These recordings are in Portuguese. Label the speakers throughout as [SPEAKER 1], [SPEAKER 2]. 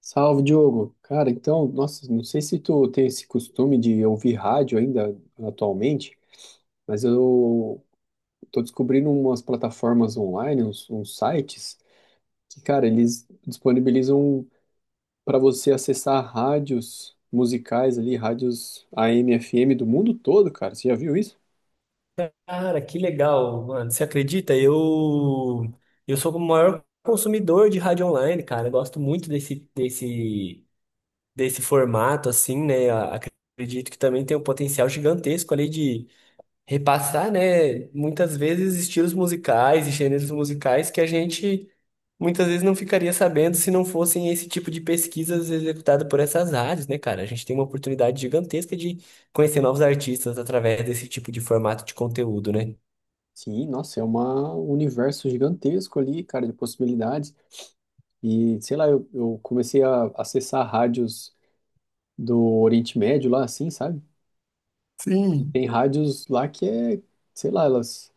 [SPEAKER 1] Salve, Diogo. Cara, então, nossa, não sei se tu tem esse costume de ouvir rádio ainda atualmente, mas eu tô descobrindo umas plataformas online, uns sites que, cara, eles disponibilizam para você acessar rádios musicais ali, rádios AM, FM do mundo todo, cara. Você já viu isso?
[SPEAKER 2] Cara, que legal, mano. Você acredita? Eu sou o maior consumidor de rádio online, cara. Eu gosto muito desse formato assim, né? Acredito que também tem um potencial gigantesco ali de repassar, né, muitas vezes estilos musicais e gêneros musicais que a gente muitas vezes não ficaria sabendo se não fossem esse tipo de pesquisas executadas por essas rádios, né, cara? A gente tem uma oportunidade gigantesca de conhecer novos artistas através desse tipo de formato de conteúdo, né?
[SPEAKER 1] Sim, nossa, é um universo gigantesco ali, cara, de possibilidades. E, sei lá, eu comecei a acessar rádios do Oriente Médio lá, assim, sabe?
[SPEAKER 2] Sim.
[SPEAKER 1] Tem rádios lá que é, sei lá, elas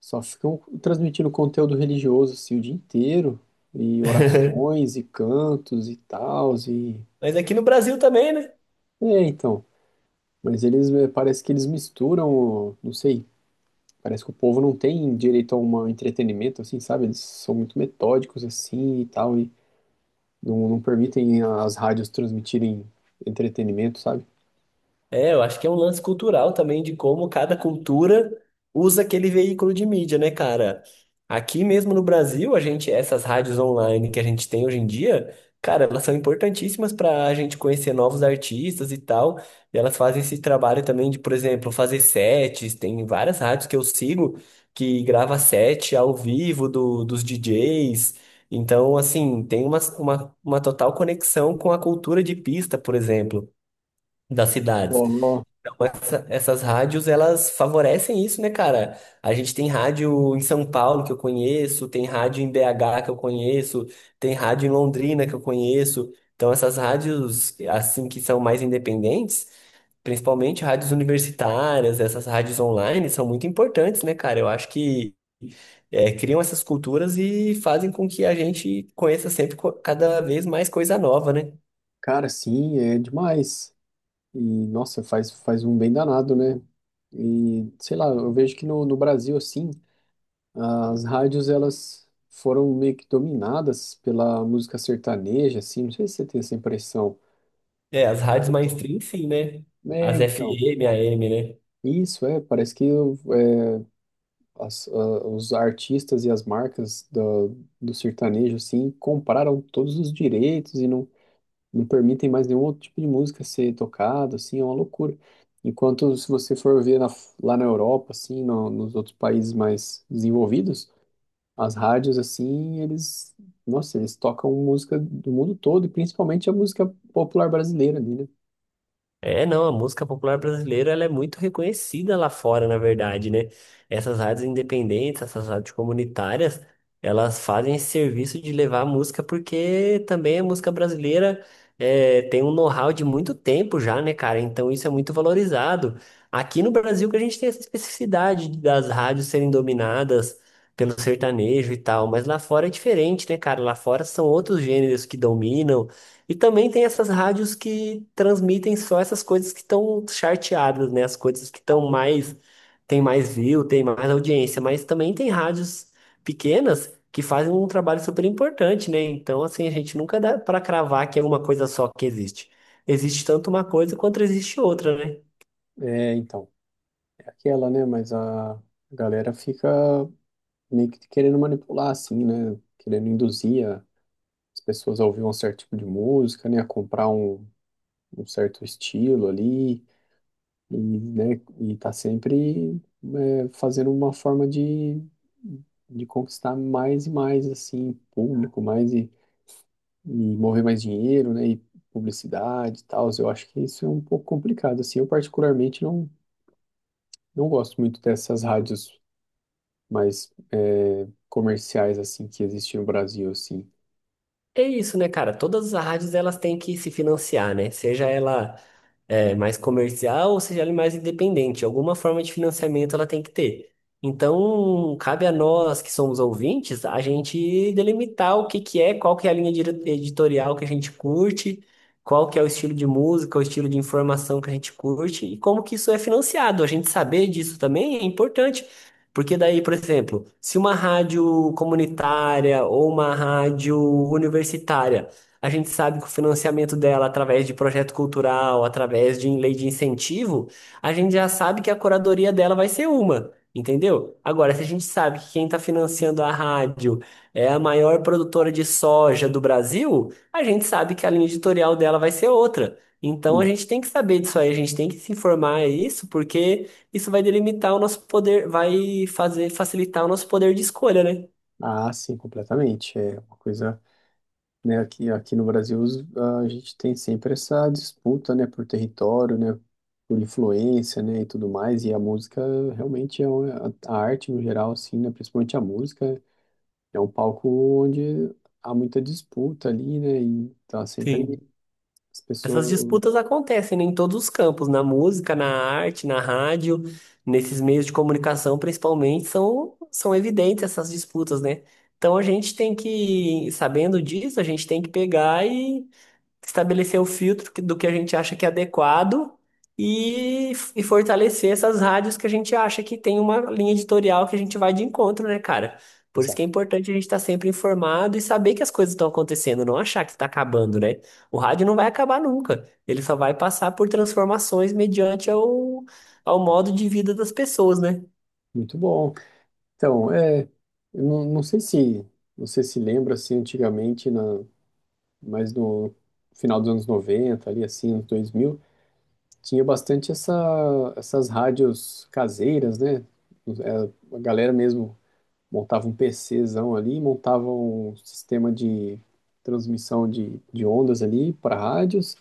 [SPEAKER 1] só ficam transmitindo conteúdo religioso assim o dia inteiro, e orações e cantos e tal e
[SPEAKER 2] Mas aqui no Brasil também, né?
[SPEAKER 1] é, então, mas eles parece que eles misturam, não sei, parece que o povo não tem direito a um entretenimento, assim, sabe? Eles são muito metódicos assim e tal e não permitem as rádios transmitirem entretenimento, sabe?
[SPEAKER 2] É, eu acho que é um lance cultural também de como cada cultura usa aquele veículo de mídia, né, cara? Aqui mesmo no Brasil, a gente, essas rádios online que a gente tem hoje em dia, cara, elas são importantíssimas para a gente conhecer novos artistas e tal. E elas fazem esse trabalho também de, por exemplo, fazer sets. Tem várias rádios que eu sigo que grava set ao vivo do, dos DJs. Então, assim, tem uma total conexão com a cultura de pista, por exemplo, das
[SPEAKER 1] Ó,
[SPEAKER 2] cidades.
[SPEAKER 1] ó,
[SPEAKER 2] Essas rádios, elas favorecem isso, né, cara? A gente tem rádio em São Paulo que eu conheço, tem rádio em BH que eu conheço, tem rádio em Londrina que eu conheço. Então, essas rádios, assim, que são mais independentes, principalmente rádios universitárias, essas rádios online, são muito importantes, né, cara? Eu acho que é, criam essas culturas e fazem com que a gente conheça sempre cada vez mais coisa nova, né?
[SPEAKER 1] cara, sim, é demais. E, nossa, faz um bem danado, né? E, sei lá, eu vejo que no Brasil, assim, as rádios, elas foram meio que dominadas pela música sertaneja, assim, não sei se você tem essa impressão.
[SPEAKER 2] É, as rádios
[SPEAKER 1] Quanto-
[SPEAKER 2] mainstream, sim, né?
[SPEAKER 1] É,
[SPEAKER 2] As
[SPEAKER 1] então,
[SPEAKER 2] FM, AM, né?
[SPEAKER 1] isso, é, parece que é, as- a- os artistas e as marcas do sertanejo, assim, compraram todos os direitos e não permitem mais nenhum outro tipo de música ser tocado, assim, é uma loucura. Enquanto, se você for ver na- lá na Europa, assim, no- nos outros países mais desenvolvidos, as rádios, assim, eles, nossa, eles tocam música do mundo todo, e principalmente a música popular brasileira ali, né?
[SPEAKER 2] É, não, a música popular brasileira ela é muito reconhecida lá fora, na verdade, né? Essas rádios independentes, essas rádios comunitárias, elas fazem esse serviço de levar a música porque também a música brasileira é, tem um know-how de muito tempo já, né, cara? Então isso é muito valorizado. Aqui no Brasil que a gente tem essa especificidade das rádios serem dominadas pelo sertanejo e tal, mas lá fora é diferente, né, cara? Lá fora são outros gêneros que dominam e também tem essas rádios que transmitem só essas coisas que estão charteadas, né? As coisas que estão mais, tem mais view, tem mais audiência, mas também tem rádios pequenas que fazem um trabalho super importante, né? Então, assim, a gente nunca dá para cravar que é uma coisa só que existe. Existe tanto uma coisa quanto existe outra, né?
[SPEAKER 1] É, então, é aquela, né? Mas a galera fica meio que querendo manipular, assim, né? Querendo induzir a- as pessoas a ouvir um certo tipo de música, né? A comprar um, um certo estilo ali. E, né, e tá sempre é, fazendo uma forma de conquistar mais e mais, assim, público, mais e mover mais dinheiro, né, e publicidade e tal. Eu acho que isso é um pouco complicado, assim. Eu particularmente não gosto muito dessas rádios mais é, comerciais, assim, que existem no Brasil, assim.
[SPEAKER 2] É isso, né, cara? Todas as rádios elas têm que se financiar, né? Seja ela é, mais comercial, ou seja, ela é mais independente. Alguma forma de financiamento ela tem que ter. Então, cabe a nós que somos ouvintes, a gente delimitar o que que é, qual que é a linha editorial que a gente curte, qual que é o estilo de música, o estilo de informação que a gente curte e como que isso é financiado. A gente saber disso também é importante. Porque daí, por exemplo, se uma rádio comunitária ou uma rádio universitária a gente sabe que o financiamento dela, através de projeto cultural, através de lei de incentivo, a gente já sabe que a curadoria dela vai ser uma, entendeu? Agora, se a gente sabe que quem está financiando a rádio é a maior produtora de soja do Brasil, a gente sabe que a linha editorial dela vai ser outra. Então,
[SPEAKER 1] E-
[SPEAKER 2] a gente tem que saber disso aí, a gente tem que se informar a isso, porque isso vai delimitar o nosso poder, vai fazer facilitar o nosso poder de escolha, né?
[SPEAKER 1] ah, sim, completamente. É uma coisa, né? Aqui no Brasil os- a gente tem sempre essa disputa, né, por território, né, por influência, né, e tudo mais. E a música realmente é uma, a arte no geral, assim, né, principalmente a música é um palco onde há muita disputa ali, né, e tá sempre
[SPEAKER 2] Sim.
[SPEAKER 1] as
[SPEAKER 2] Essas
[SPEAKER 1] pessoas.
[SPEAKER 2] disputas acontecem, né, em todos os campos, na música, na arte, na rádio, nesses meios de comunicação, principalmente, são, são evidentes essas disputas, né? Então a gente tem que, sabendo disso, a gente tem que pegar e estabelecer o filtro do que a gente acha que é adequado e fortalecer essas rádios que a gente acha que tem uma linha editorial que a gente vai de encontro, né, cara? Por isso que é
[SPEAKER 1] Exato.
[SPEAKER 2] importante a gente estar sempre informado e saber que as coisas estão acontecendo, não achar que está acabando, né? O rádio não vai acabar nunca. Ele só vai passar por transformações mediante ao, ao modo de vida das pessoas, né?
[SPEAKER 1] Muito bom. Então, é, eu não sei se você se lembra assim antigamente na, mas no final dos anos 90 ali, assim, anos 2000, tinha bastante essa, essas rádios caseiras, né? É, a galera mesmo montava um PCzão ali, montava um sistema de transmissão de ondas ali para rádios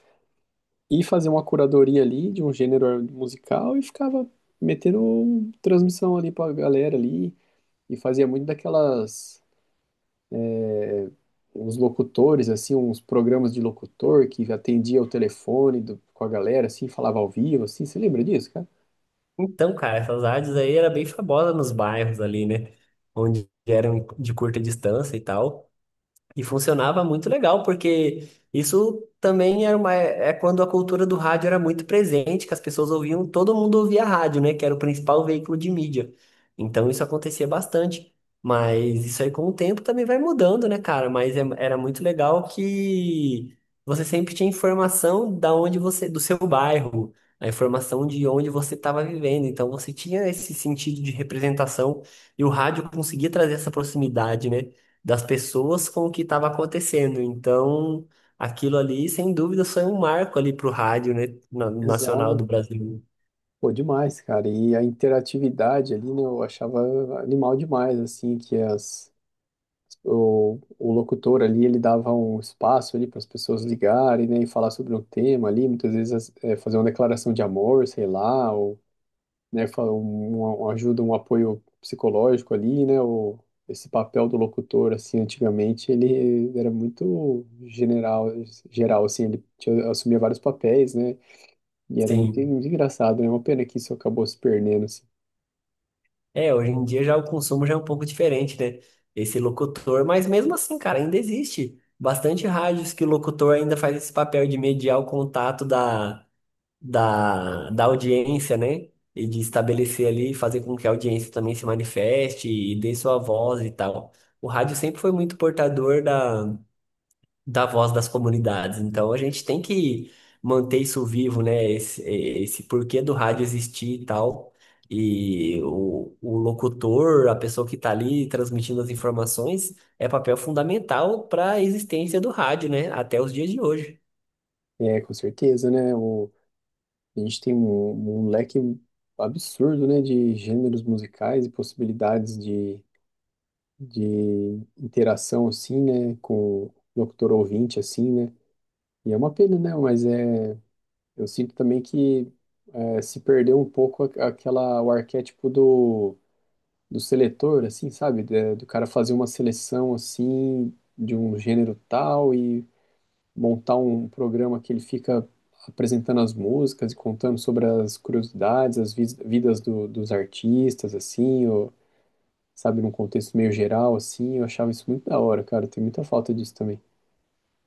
[SPEAKER 1] e fazia uma curadoria ali de um gênero musical e ficava metendo transmissão ali para a galera ali e fazia muito daquelas, uns locutores assim, uns programas de locutor que atendia o telefone do- com a galera assim, falava ao vivo assim, você lembra disso, cara?
[SPEAKER 2] Então, cara, essas rádios aí era bem famosa nos bairros ali, né? Onde eram de curta distância e tal. E funcionava muito legal, porque isso também era uma, é quando a cultura do rádio era muito presente, que as pessoas ouviam, todo mundo ouvia rádio, né? Que era o principal veículo de mídia. Então isso acontecia bastante. Mas isso aí com o tempo também vai mudando, né, cara? Mas era muito legal que você sempre tinha informação da onde você, do seu bairro, a informação de onde você estava vivendo. Então você tinha esse sentido de representação e o rádio conseguia trazer essa proximidade, né? Das pessoas com o que estava acontecendo. Então, aquilo ali, sem dúvida, foi um marco ali para o rádio, né, nacional do Brasil.
[SPEAKER 1] Pô, demais, cara. E a interatividade ali, né, eu achava animal demais, assim, que as, o locutor ali, ele dava um espaço ali para as pessoas ligarem, né, e falar sobre um tema ali, muitas vezes as- é, fazer uma declaração de amor, sei lá, ou, né, falar um, uma ajuda, um apoio psicológico ali, né, o, esse papel do locutor, assim, antigamente, ele era muito general, geral, assim, ele tinha, assumia vários papéis, né, e era muito
[SPEAKER 2] Sim.
[SPEAKER 1] engraçado, né? Uma pena que isso acabou se perdendo, assim.
[SPEAKER 2] É, hoje em dia já o consumo já é um pouco diferente, né? Esse locutor, mas mesmo assim, cara, ainda existe bastante rádios que o locutor ainda faz esse papel de mediar o contato da, da audiência, né? E de estabelecer ali, fazer com que a audiência também se manifeste e dê sua voz e tal. O rádio sempre foi muito portador da, da voz das comunidades. Então a gente tem que manter isso vivo, né? Esse porquê do rádio existir e tal. E o locutor, a pessoa que está ali transmitindo as informações, é papel fundamental para a existência do rádio, né? Até os dias de hoje.
[SPEAKER 1] É, com certeza, né? O, a gente tem um, um leque absurdo, né, de gêneros musicais e possibilidades de interação, assim, né, com o locutor ouvinte, assim, né? E é uma pena, né? Mas é, eu sinto também que é, se perdeu um pouco a- aquela, o arquétipo do, do seletor, assim, sabe? Da- do cara fazer uma seleção, assim, de um gênero tal, montar um programa que ele fica apresentando as músicas e contando sobre as curiosidades, as vis- vidas do- dos artistas, assim, ou, sabe, num contexto meio geral, assim, eu achava isso muito da hora, cara, tem muita falta disso também.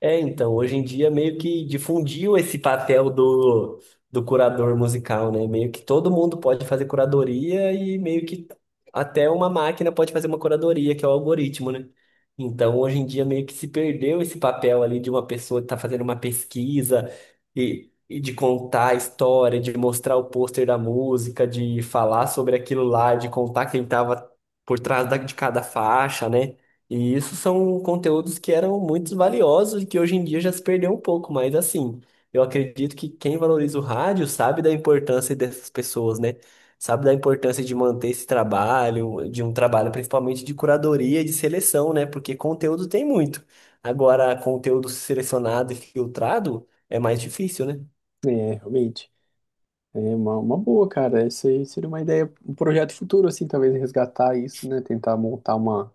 [SPEAKER 2] É, então, hoje em dia meio que difundiu esse papel do, do curador musical, né? Meio que todo mundo pode fazer curadoria e meio que até uma máquina pode fazer uma curadoria, que é o algoritmo, né? Então, hoje em dia meio que se perdeu esse papel ali de uma pessoa que está fazendo uma pesquisa e de contar a história, de mostrar o pôster da música, de falar sobre aquilo lá, de contar quem estava por trás de cada faixa, né? E isso são conteúdos que eram muito valiosos e que hoje em dia já se perdeu um pouco, mas assim, eu acredito que quem valoriza o rádio sabe da importância dessas pessoas, né? Sabe da importância de manter esse trabalho, de um trabalho principalmente de curadoria e de seleção, né? Porque conteúdo tem muito. Agora, conteúdo selecionado e filtrado é mais difícil, né?
[SPEAKER 1] É, realmente, é uma boa, cara, isso aí seria uma ideia, um projeto futuro, assim, talvez resgatar isso, né, tentar montar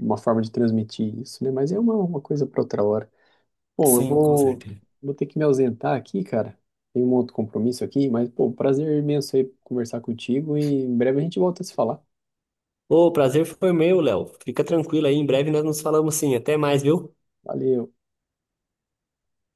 [SPEAKER 1] uma forma de transmitir isso, né, mas é uma coisa para outra hora. Bom, eu
[SPEAKER 2] Sim, com
[SPEAKER 1] vou,
[SPEAKER 2] certeza.
[SPEAKER 1] vou ter que me ausentar aqui, cara. Tem um outro compromisso aqui, mas, pô, prazer imenso aí conversar contigo e em breve a gente volta a se falar.
[SPEAKER 2] Ô, o prazer foi meu, Léo. Fica tranquilo aí, em breve nós nos falamos sim. Até mais, viu?
[SPEAKER 1] Valeu.